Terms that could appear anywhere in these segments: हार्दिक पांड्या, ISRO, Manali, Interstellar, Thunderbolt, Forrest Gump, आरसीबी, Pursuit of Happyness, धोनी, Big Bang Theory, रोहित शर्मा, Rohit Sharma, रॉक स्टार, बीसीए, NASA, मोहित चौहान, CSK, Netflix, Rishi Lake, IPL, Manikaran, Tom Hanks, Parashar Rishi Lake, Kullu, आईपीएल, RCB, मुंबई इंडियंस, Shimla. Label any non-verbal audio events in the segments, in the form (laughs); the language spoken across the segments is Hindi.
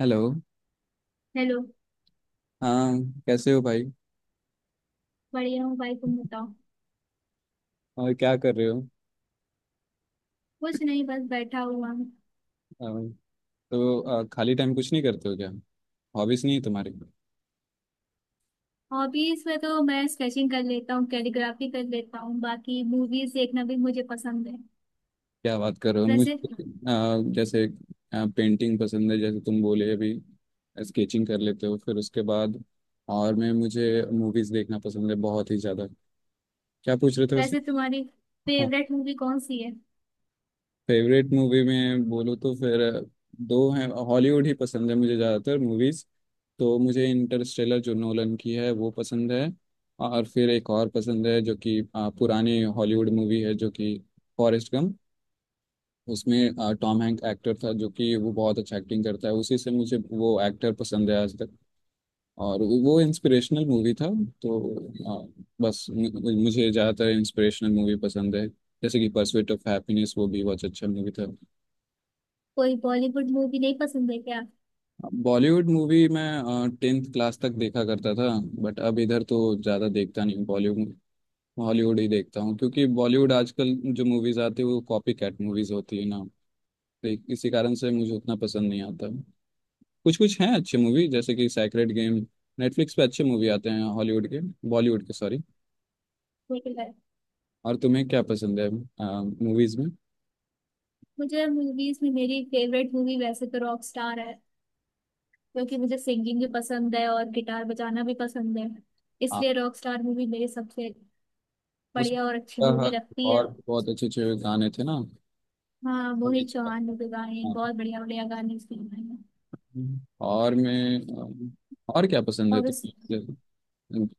हेलो। हेलो। हाँ। कैसे हो भाई? बढ़िया हूँ भाई, तुम बताओ। और क्या कर रहे हो? कुछ नहीं, बस बैठा हुआ हूँ। अ, तो खाली टाइम कुछ नहीं करते हो क्या? हॉबीज नहीं है तुम्हारी? हॉबीज में तो मैं स्केचिंग कर लेता हूँ, कैलीग्राफी कर लेता हूँ, बाकी मूवीज देखना भी मुझे पसंद है। क्या बात कर रहे हो वैसे मुझे! जैसे पेंटिंग पसंद है, जैसे तुम बोले अभी स्केचिंग कर लेते हो, फिर उसके बाद। और मैं मुझे मूवीज देखना पसंद है, बहुत ही ज़्यादा। क्या पूछ रहे थे वैसे? वैसे तुम्हारी हाँ। फेवरेट मूवी कौन सी है? फेवरेट मूवी में बोलूँ तो फिर दो हैं। हॉलीवुड ही पसंद है मुझे ज़्यादातर, मूवीज़ तो मुझे इंटरस्टेलर जो नोलन की है वो पसंद है। और फिर एक और पसंद है, जो कि पुरानी हॉलीवुड मूवी है, जो कि फॉरेस्ट गम। उसमें टॉम हैंक एक्टर था, जो कि वो बहुत अच्छा एक्टिंग करता है, उसी से मुझे वो एक्टर पसंद है आज तक। और वो इंस्पिरेशनल मूवी था। तो बस मुझे ज़्यादातर इंस्पिरेशनल मूवी पसंद है, जैसे कि परस्यूट ऑफ हैप्पीनेस, वो भी बहुत अच्छा मूवी था। कोई बॉलीवुड मूवी नहीं पसंद है क्या? बॉलीवुड मूवी मैं 10th क्लास तक देखा करता था, बट अब इधर तो ज़्यादा देखता नहीं हूँ बॉलीवुड। हॉलीवुड ही देखता हूँ, क्योंकि बॉलीवुड आजकल जो मूवीज आती है वो कॉपी कैट मूवीज होती है ना। तो इसी कारण से मुझे उतना पसंद नहीं आता। कुछ कुछ हैं अच्छे मूवी, जैसे कि सैक्रेड गेम। नेटफ्लिक्स पे अच्छे मूवी आते हैं हॉलीवुड के, बॉलीवुड के सॉरी। देखिए, और तुम्हें क्या पसंद है मूवीज में? मुझे मूवीज में मेरी फेवरेट मूवी वैसे तो रॉक स्टार है, क्योंकि मुझे सिंगिंग भी पसंद है और गिटार बजाना भी पसंद है। हाँ। इसलिए रॉक स्टार मूवी मेरी सबसे उस बढ़िया और अच्छी अ, मूवी लगती है। और बहुत अच्छे अच्छे गाने थे ना। हाँ, मोहित चौहान ने भी गाए हैं, हाँ। बहुत बढ़िया बढ़िया गाने उसके गाए हैं। और मैं और क्या पसंद है और उस तुम्हें?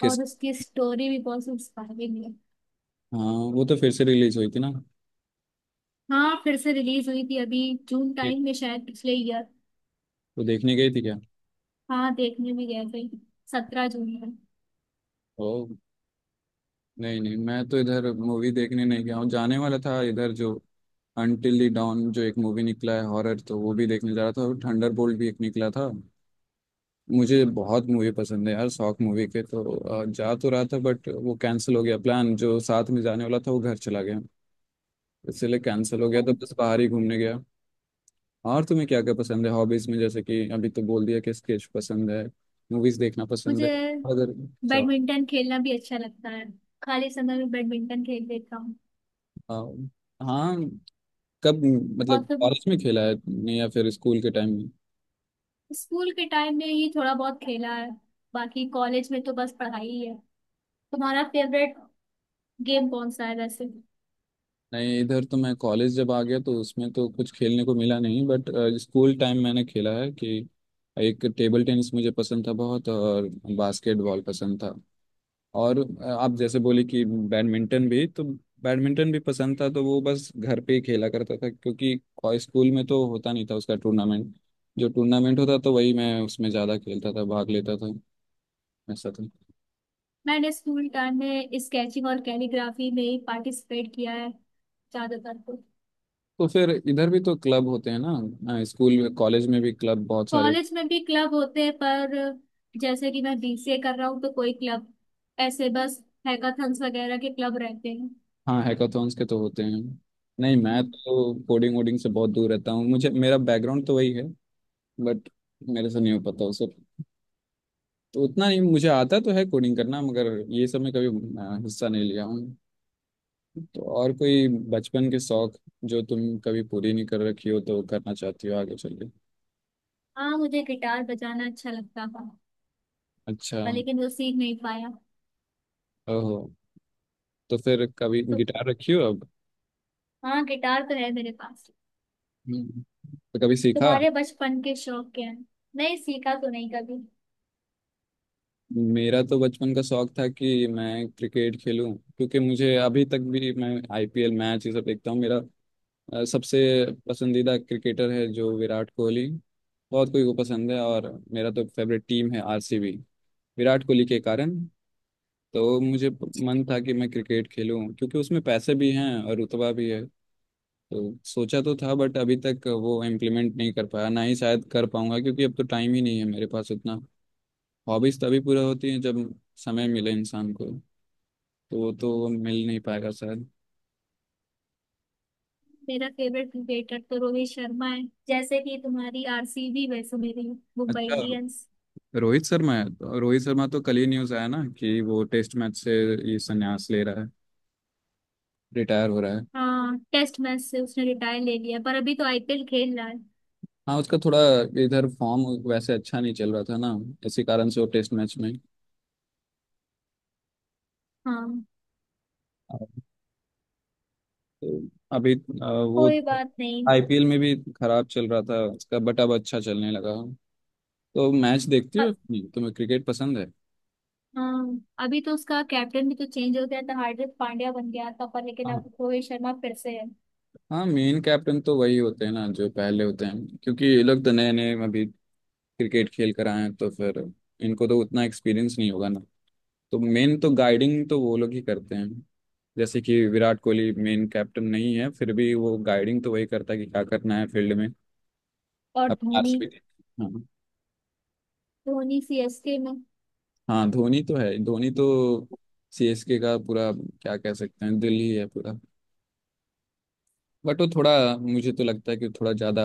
किस? और उसकी स्टोरी भी बहुत इंस्पायरिंग है। हाँ, वो तो फिर से रिलीज हुई थी ना। हाँ, फिर से रिलीज हुई थी अभी, जून देख, टाइम में शायद, पिछले ईयर। वो देखने गई थी क्या? हाँ, देखने भी गए थे। 17 जून में। ओ, नहीं नहीं, मैं तो इधर मूवी देखने नहीं गया हूँ, जाने वाला था इधर। जो अनटिल द डॉन जो एक मूवी निकला है हॉरर, तो वो भी देखने जा रहा था, और थंडरबोल्ट भी एक निकला था। मुझे बहुत मूवी पसंद है यार, शौक मूवी के। तो जा तो रहा था, बट वो कैंसिल हो गया। प्लान जो साथ में जाने वाला था, वो घर चला गया, इसलिए कैंसिल हो गया। तो बस बाहर ही घूमने गया। और तुम्हें क्या क्या पसंद है हॉबीज में? जैसे कि अभी तो बोल दिया कि स्केच पसंद है, मूवीज देखना पसंद है। मुझे अगर अच्छा बैडमिंटन खेलना भी अच्छा लगता है, खाली समय में बैडमिंटन खेल लेता हूँ। आ, हाँ। कब? और मतलब तो कॉलेज में खेला है तुमने या फिर स्कूल के टाइम में? स्कूल के टाइम में ही थोड़ा बहुत खेला है, बाकी कॉलेज में तो बस पढ़ाई ही है। तुम्हारा फेवरेट गेम कौन सा है वैसे? नहीं, इधर तो मैं कॉलेज जब आ गया तो उसमें तो कुछ खेलने को मिला नहीं, बट स्कूल टाइम मैंने खेला है कि एक टेबल टेनिस मुझे पसंद था बहुत, और बास्केटबॉल पसंद था। और आप जैसे बोले कि बैडमिंटन भी, तो बैडमिंटन भी पसंद था, तो वो बस घर पे ही खेला करता था, क्योंकि स्कूल में तो होता नहीं था उसका टूर्नामेंट। जो टूर्नामेंट होता तो वही मैं उसमें ज़्यादा खेलता था, भाग लेता था। ऐसा था। मैंने स्कूल टाइम में स्केचिंग और कैलीग्राफी में ही पार्टिसिपेट किया है ज्यादातर तो। तो फिर इधर भी तो क्लब होते हैं ना, स्कूल में कॉलेज में भी क्लब बहुत सारे। कॉलेज में भी क्लब होते हैं, पर जैसे कि मैं बीसीए कर रहा हूँ तो कोई क्लब ऐसे बस हैकाथन्स वगैरह के क्लब रहते हैं। हाँ, हैकाथॉन्स के तो होते हैं। नहीं, मैं हम्म। तो कोडिंग वोडिंग से बहुत दूर रहता हूँ, मुझे मेरा बैकग्राउंड तो वही है। बट मेरे से नहीं हो पाता उसे, तो उतना नहीं मुझे आता तो है कोडिंग करना, मगर ये सब में कभी हिस्सा नहीं लिया हूँ। तो और कोई बचपन के शौक जो तुम कभी पूरी नहीं कर रखी हो तो करना चाहती हो आगे चल के? हाँ, मुझे गिटार बजाना अच्छा लगता था, अच्छा। पर लेकिन वो सीख नहीं पाया। ओहो, तो फिर कभी तो गिटार रखी हो अब? हाँ, गिटार तो है मेरे पास। हम्म। तो कभी सीखा? तुम्हारे बचपन के शौक क्या हैं? नहीं, सीखा तो नहीं कभी। मेरा तो बचपन का शौक था कि मैं क्रिकेट खेलूं, क्योंकि मुझे अभी तक भी मैं आईपीएल मैच ये सब देखता हूँ। मेरा सबसे पसंदीदा क्रिकेटर है जो विराट कोहली, बहुत कोई को पसंद है, और मेरा तो फेवरेट टीम है आरसीबी, विराट कोहली के कारण। तो मुझे मन था कि मैं क्रिकेट खेलूं, क्योंकि उसमें पैसे भी हैं और रुतबा भी है। तो सोचा तो था, बट अभी तक वो इम्प्लीमेंट नहीं कर पाया, ना ही शायद कर पाऊंगा, क्योंकि अब तो टाइम ही नहीं है मेरे पास उतना। हॉबीज तभी पूरा होती हैं जब समय मिले इंसान को, तो वो तो मिल नहीं पाएगा शायद। मेरा फेवरेट क्रिकेटर तो रोहित शर्मा है, जैसे कि तुम्हारी आरसीबी, वैसे मेरी मुंबई अच्छा। इंडियंस। रोहित शर्मा है तो? रोहित शर्मा तो कल ही न्यूज आया ना कि वो टेस्ट मैच से ये संन्यास ले रहा है, रिटायर हो रहा है। हाँ, टेस्ट मैच से उसने रिटायर ले लिया, पर अभी तो आईपीएल खेल रहा है। हाँ, उसका थोड़ा इधर फॉर्म वैसे अच्छा नहीं चल रहा था ना, इसी कारण से वो टेस्ट मैच में। हाँ। तो अभी वो कोई बात नहीं। आईपीएल में भी खराब चल रहा था उसका, बट अब अच्छा चलने लगा। तो मैच देखती हो अ- अपनी? तुम्हें क्रिकेट पसंद है? हाँ, अभी तो उसका कैप्टन भी तो चेंज हो गया था, हार्दिक पांड्या बन गया था, पर लेकिन हाँ। अब रोहित शर्मा फिर से है। हाँ, मेन कैप्टन तो वही होते हैं ना जो पहले होते हैं, क्योंकि ये लोग तो नए नए अभी क्रिकेट खेल कर आए हैं, तो फिर इनको तो उतना एक्सपीरियंस नहीं होगा ना। तो मेन तो गाइडिंग तो वो लोग ही करते हैं। जैसे कि विराट कोहली मेन कैप्टन नहीं है, फिर भी वो गाइडिंग तो वही करता है कि क्या करना है फील्ड में। और अपना धोनी आरसीबी। धोनी सीएसके में। हाँ, धोनी तो है। धोनी तो सीएसके का पूरा, क्या कह सकते हैं, दिल ही है पूरा। बट वो थोड़ा, मुझे तो लगता है कि थोड़ा ज्यादा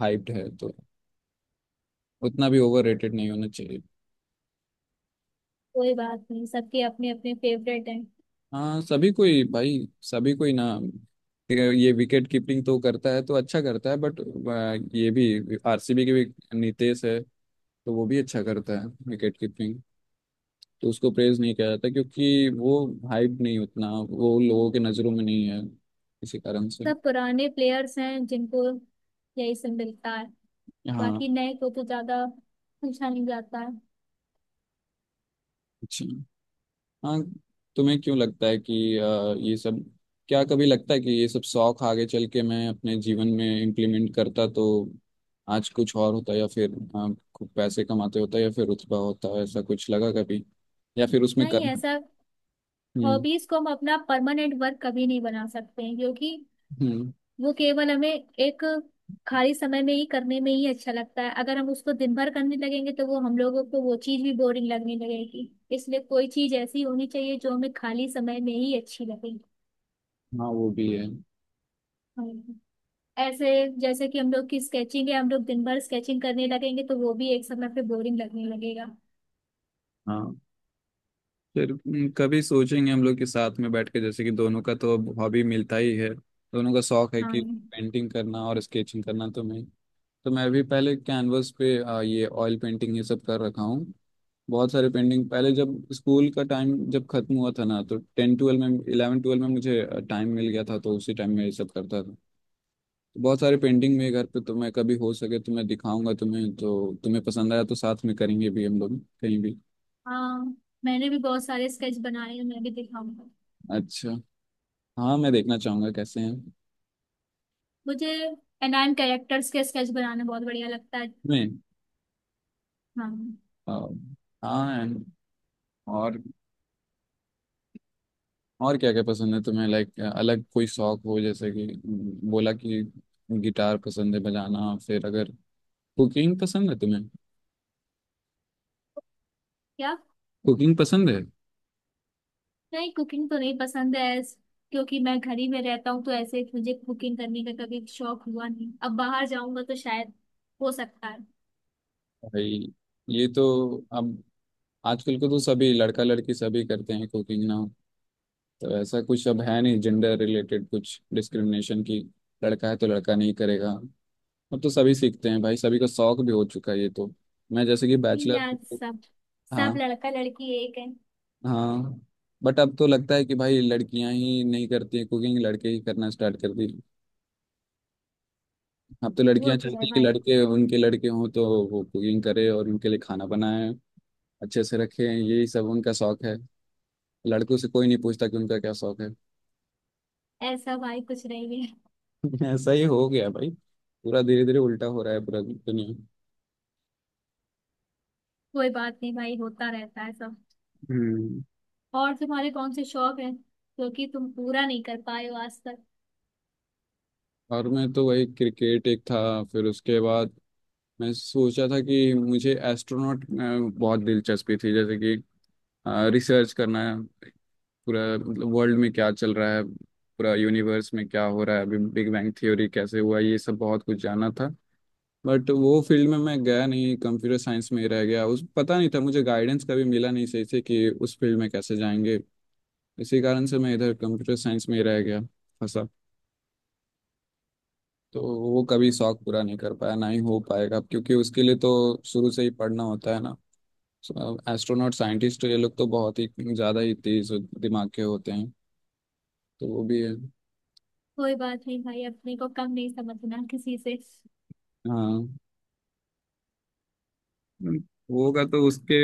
हाइप्ड है, तो उतना भी ओवर रेटेड नहीं होना चाहिए। कोई बात नहीं, सबके अपने अपने फेवरेट हैं। हाँ, सभी कोई भाई, सभी कोई ना। ये विकेट कीपिंग तो करता है तो अच्छा करता है, बट ये भी आरसीबी के भी नितेश है, तो वो भी अच्छा करता है विकेट कीपिंग, तो उसको प्रेज नहीं किया जाता, क्योंकि वो हाइप नहीं उतना, वो लोगों के नजरों में नहीं है, इसी कारण से। सब पुराने प्लेयर्स हैं जिनको यही सब मिलता है, हाँ। बाकी नए को तो ज्यादा पूछा नहीं जाता है। अच्छा। हाँ। तुम्हें क्यों लगता है कि ये सब, क्या कभी लगता है कि ये सब शौक आगे चल के मैं अपने जीवन में इम्प्लीमेंट करता तो आज कुछ और होता, या फिर खूब पैसे कमाते होता या फिर रुतबा होता, ऐसा कुछ लगा कभी? या फिर उसमें नहीं, कर? ऐसा हम्म। हॉबीज को हम अपना परमानेंट वर्क कभी नहीं बना सकते हैं, क्योंकि हम्म। वो केवल हमें एक खाली समय में ही करने में ही अच्छा लगता है। अगर हम उसको दिन भर करने लगेंगे तो वो हम लोगों को वो चीज भी बोरिंग लगने लगेगी। इसलिए कोई चीज ऐसी होनी चाहिए जो हमें खाली समय में ही अच्छी लगे। हाँ, वो भी है। हम्म। ऐसे जैसे कि हम लोग की स्केचिंग है, हम लोग दिन भर स्केचिंग करने लगेंगे तो वो भी एक समय पे बोरिंग लगने लगेगा। हाँ, फिर कभी सोचेंगे हम लोग के साथ में बैठ के। जैसे कि दोनों का तो अब हॉबी मिलता ही है, दोनों का शौक है कि हाँ। पेंटिंग करना और स्केचिंग करना। तो मैं भी पहले कैनवस पे ये ऑयल पेंटिंग ये सब कर रखा हूँ। बहुत सारे पेंटिंग पहले, जब स्कूल का टाइम जब खत्म हुआ था ना, तो टेन ट्वेल्व में, इलेवन ट्वेल्व में मुझे टाइम मिल गया था, तो उसी टाइम में ये सब करता था। तो बहुत सारे पेंटिंग मेरे घर पे, तो मैं कभी हो सके तो मैं दिखाऊंगा तुम्हें, तो तुम्हें पसंद आया तो साथ में करेंगे भी हम लोग कहीं भी। हाँ, मैंने भी बहुत सारे स्केच बनाए हैं, मैं भी दिखाऊंगा। अच्छा। हाँ, मैं देखना चाहूंगा कैसे हैं। मुझे एनाइम कैरेक्टर्स के स्केच बनाना बहुत बढ़िया लगता है। मैं हाँ। आ, हाँ। और और क्या क्या पसंद है तुम्हें? लाइक अलग कोई शौक हो, जैसे कि बोला कि गिटार पसंद है बजाना, फिर अगर कुकिंग पसंद है तुम्हें? क्या? कुकिंग पसंद है? नहीं, कुकिंग तो नहीं पसंद है। क्योंकि मैं घर ही में रहता हूँ तो ऐसे मुझे कुकिंग करने का कभी शौक हुआ नहीं, अब बाहर जाऊंगा तो शायद हो सकता है। भाई, ये तो अब आजकल को तो सभी लड़का लड़की सभी करते हैं कुकिंग ना। तो ऐसा कुछ अब है नहीं जेंडर रिलेटेड कुछ डिस्क्रिमिनेशन की, लड़का है तो लड़का नहीं करेगा। अब तो सभी सीखते हैं भाई, सभी का शौक भी हो चुका है ये तो। मैं जैसे कि नहीं बैचलर। यार, सब सब हाँ। लड़का लड़की एक है। हाँ, बट अब तो लगता है कि भाई लड़कियां ही नहीं करती हैं कुकिंग, लड़के ही करना स्टार्ट कर दी। अब तो वो लड़कियां तो चाहती है हैं कि भाई। लड़के उनके, लड़के हों तो वो कुकिंग करे और उनके लिए खाना बनाए, अच्छे से रखें, यही सब उनका शौक है। लड़कों से कोई नहीं पूछता कि उनका क्या शौक है। ऐसा भाई कुछ नहीं है। (laughs) ऐसा ही हो गया भाई, पूरा धीरे धीरे उल्टा हो रहा है पूरा दुनिया। कोई बात नहीं भाई, होता रहता है सब। हम्म। और तुम्हारे कौन से शौक है, क्योंकि तुम पूरा नहीं कर पाए हो आज तक? और मैं तो वही क्रिकेट एक था, फिर उसके बाद मैं सोचा था कि मुझे एस्ट्रोनॉट बहुत दिलचस्पी थी, जैसे कि रिसर्च करना है, पूरा मतलब वर्ल्ड में क्या चल रहा है, पूरा यूनिवर्स में क्या हो रहा है, अभी बिग बैंग थ्योरी कैसे हुआ, ये सब बहुत कुछ जाना था। बट वो फील्ड में मैं गया नहीं, कंप्यूटर साइंस में ही रह गया, उस पता नहीं था, मुझे गाइडेंस कभी मिला नहीं सही से कि उस फील्ड में कैसे जाएंगे, इसी कारण से मैं इधर कंप्यूटर साइंस में ही रह गया, फंसा। तो वो कभी शौक पूरा नहीं कर पाया, ना ही हो पाएगा, क्योंकि उसके लिए तो शुरू से ही पढ़ना होता है ना। एस्ट्रोनॉट, साइंटिस्ट ये लोग तो बहुत ही ज़्यादा ही तेज दिमाग के होते हैं, तो वो भी है। कोई बात नहीं भाई, अपने को कम नहीं समझना किसी से। हाँ। हम्म, होगा तो उसके,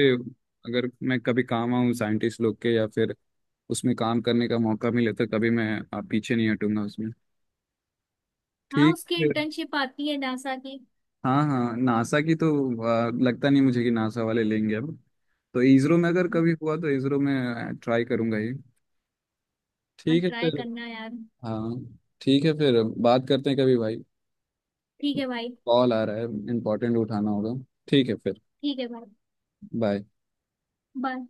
अगर मैं कभी काम आऊँ साइंटिस्ट लोग के या फिर उसमें काम करने का मौका मिले, तो कभी मैं पीछे नहीं हटूंगा उसमें। हाँ, ठीक उसकी है। इंटर्नशिप आती है नासा की। हाँ। हाँ, नासा की तो लगता नहीं मुझे कि नासा वाले लेंगे अब, तो इसरो में अगर कभी हुआ तो इसरो में ट्राई करूंगा ही। हाँ, ठीक है ट्राई फिर। करना यार। हाँ। ठीक है फिर, बात करते हैं कभी भाई। ठीक है भाई। कॉल आ रहा है, इम्पोर्टेंट, उठाना होगा। ठीक है फिर। ठीक है भाई। बाय। बाय।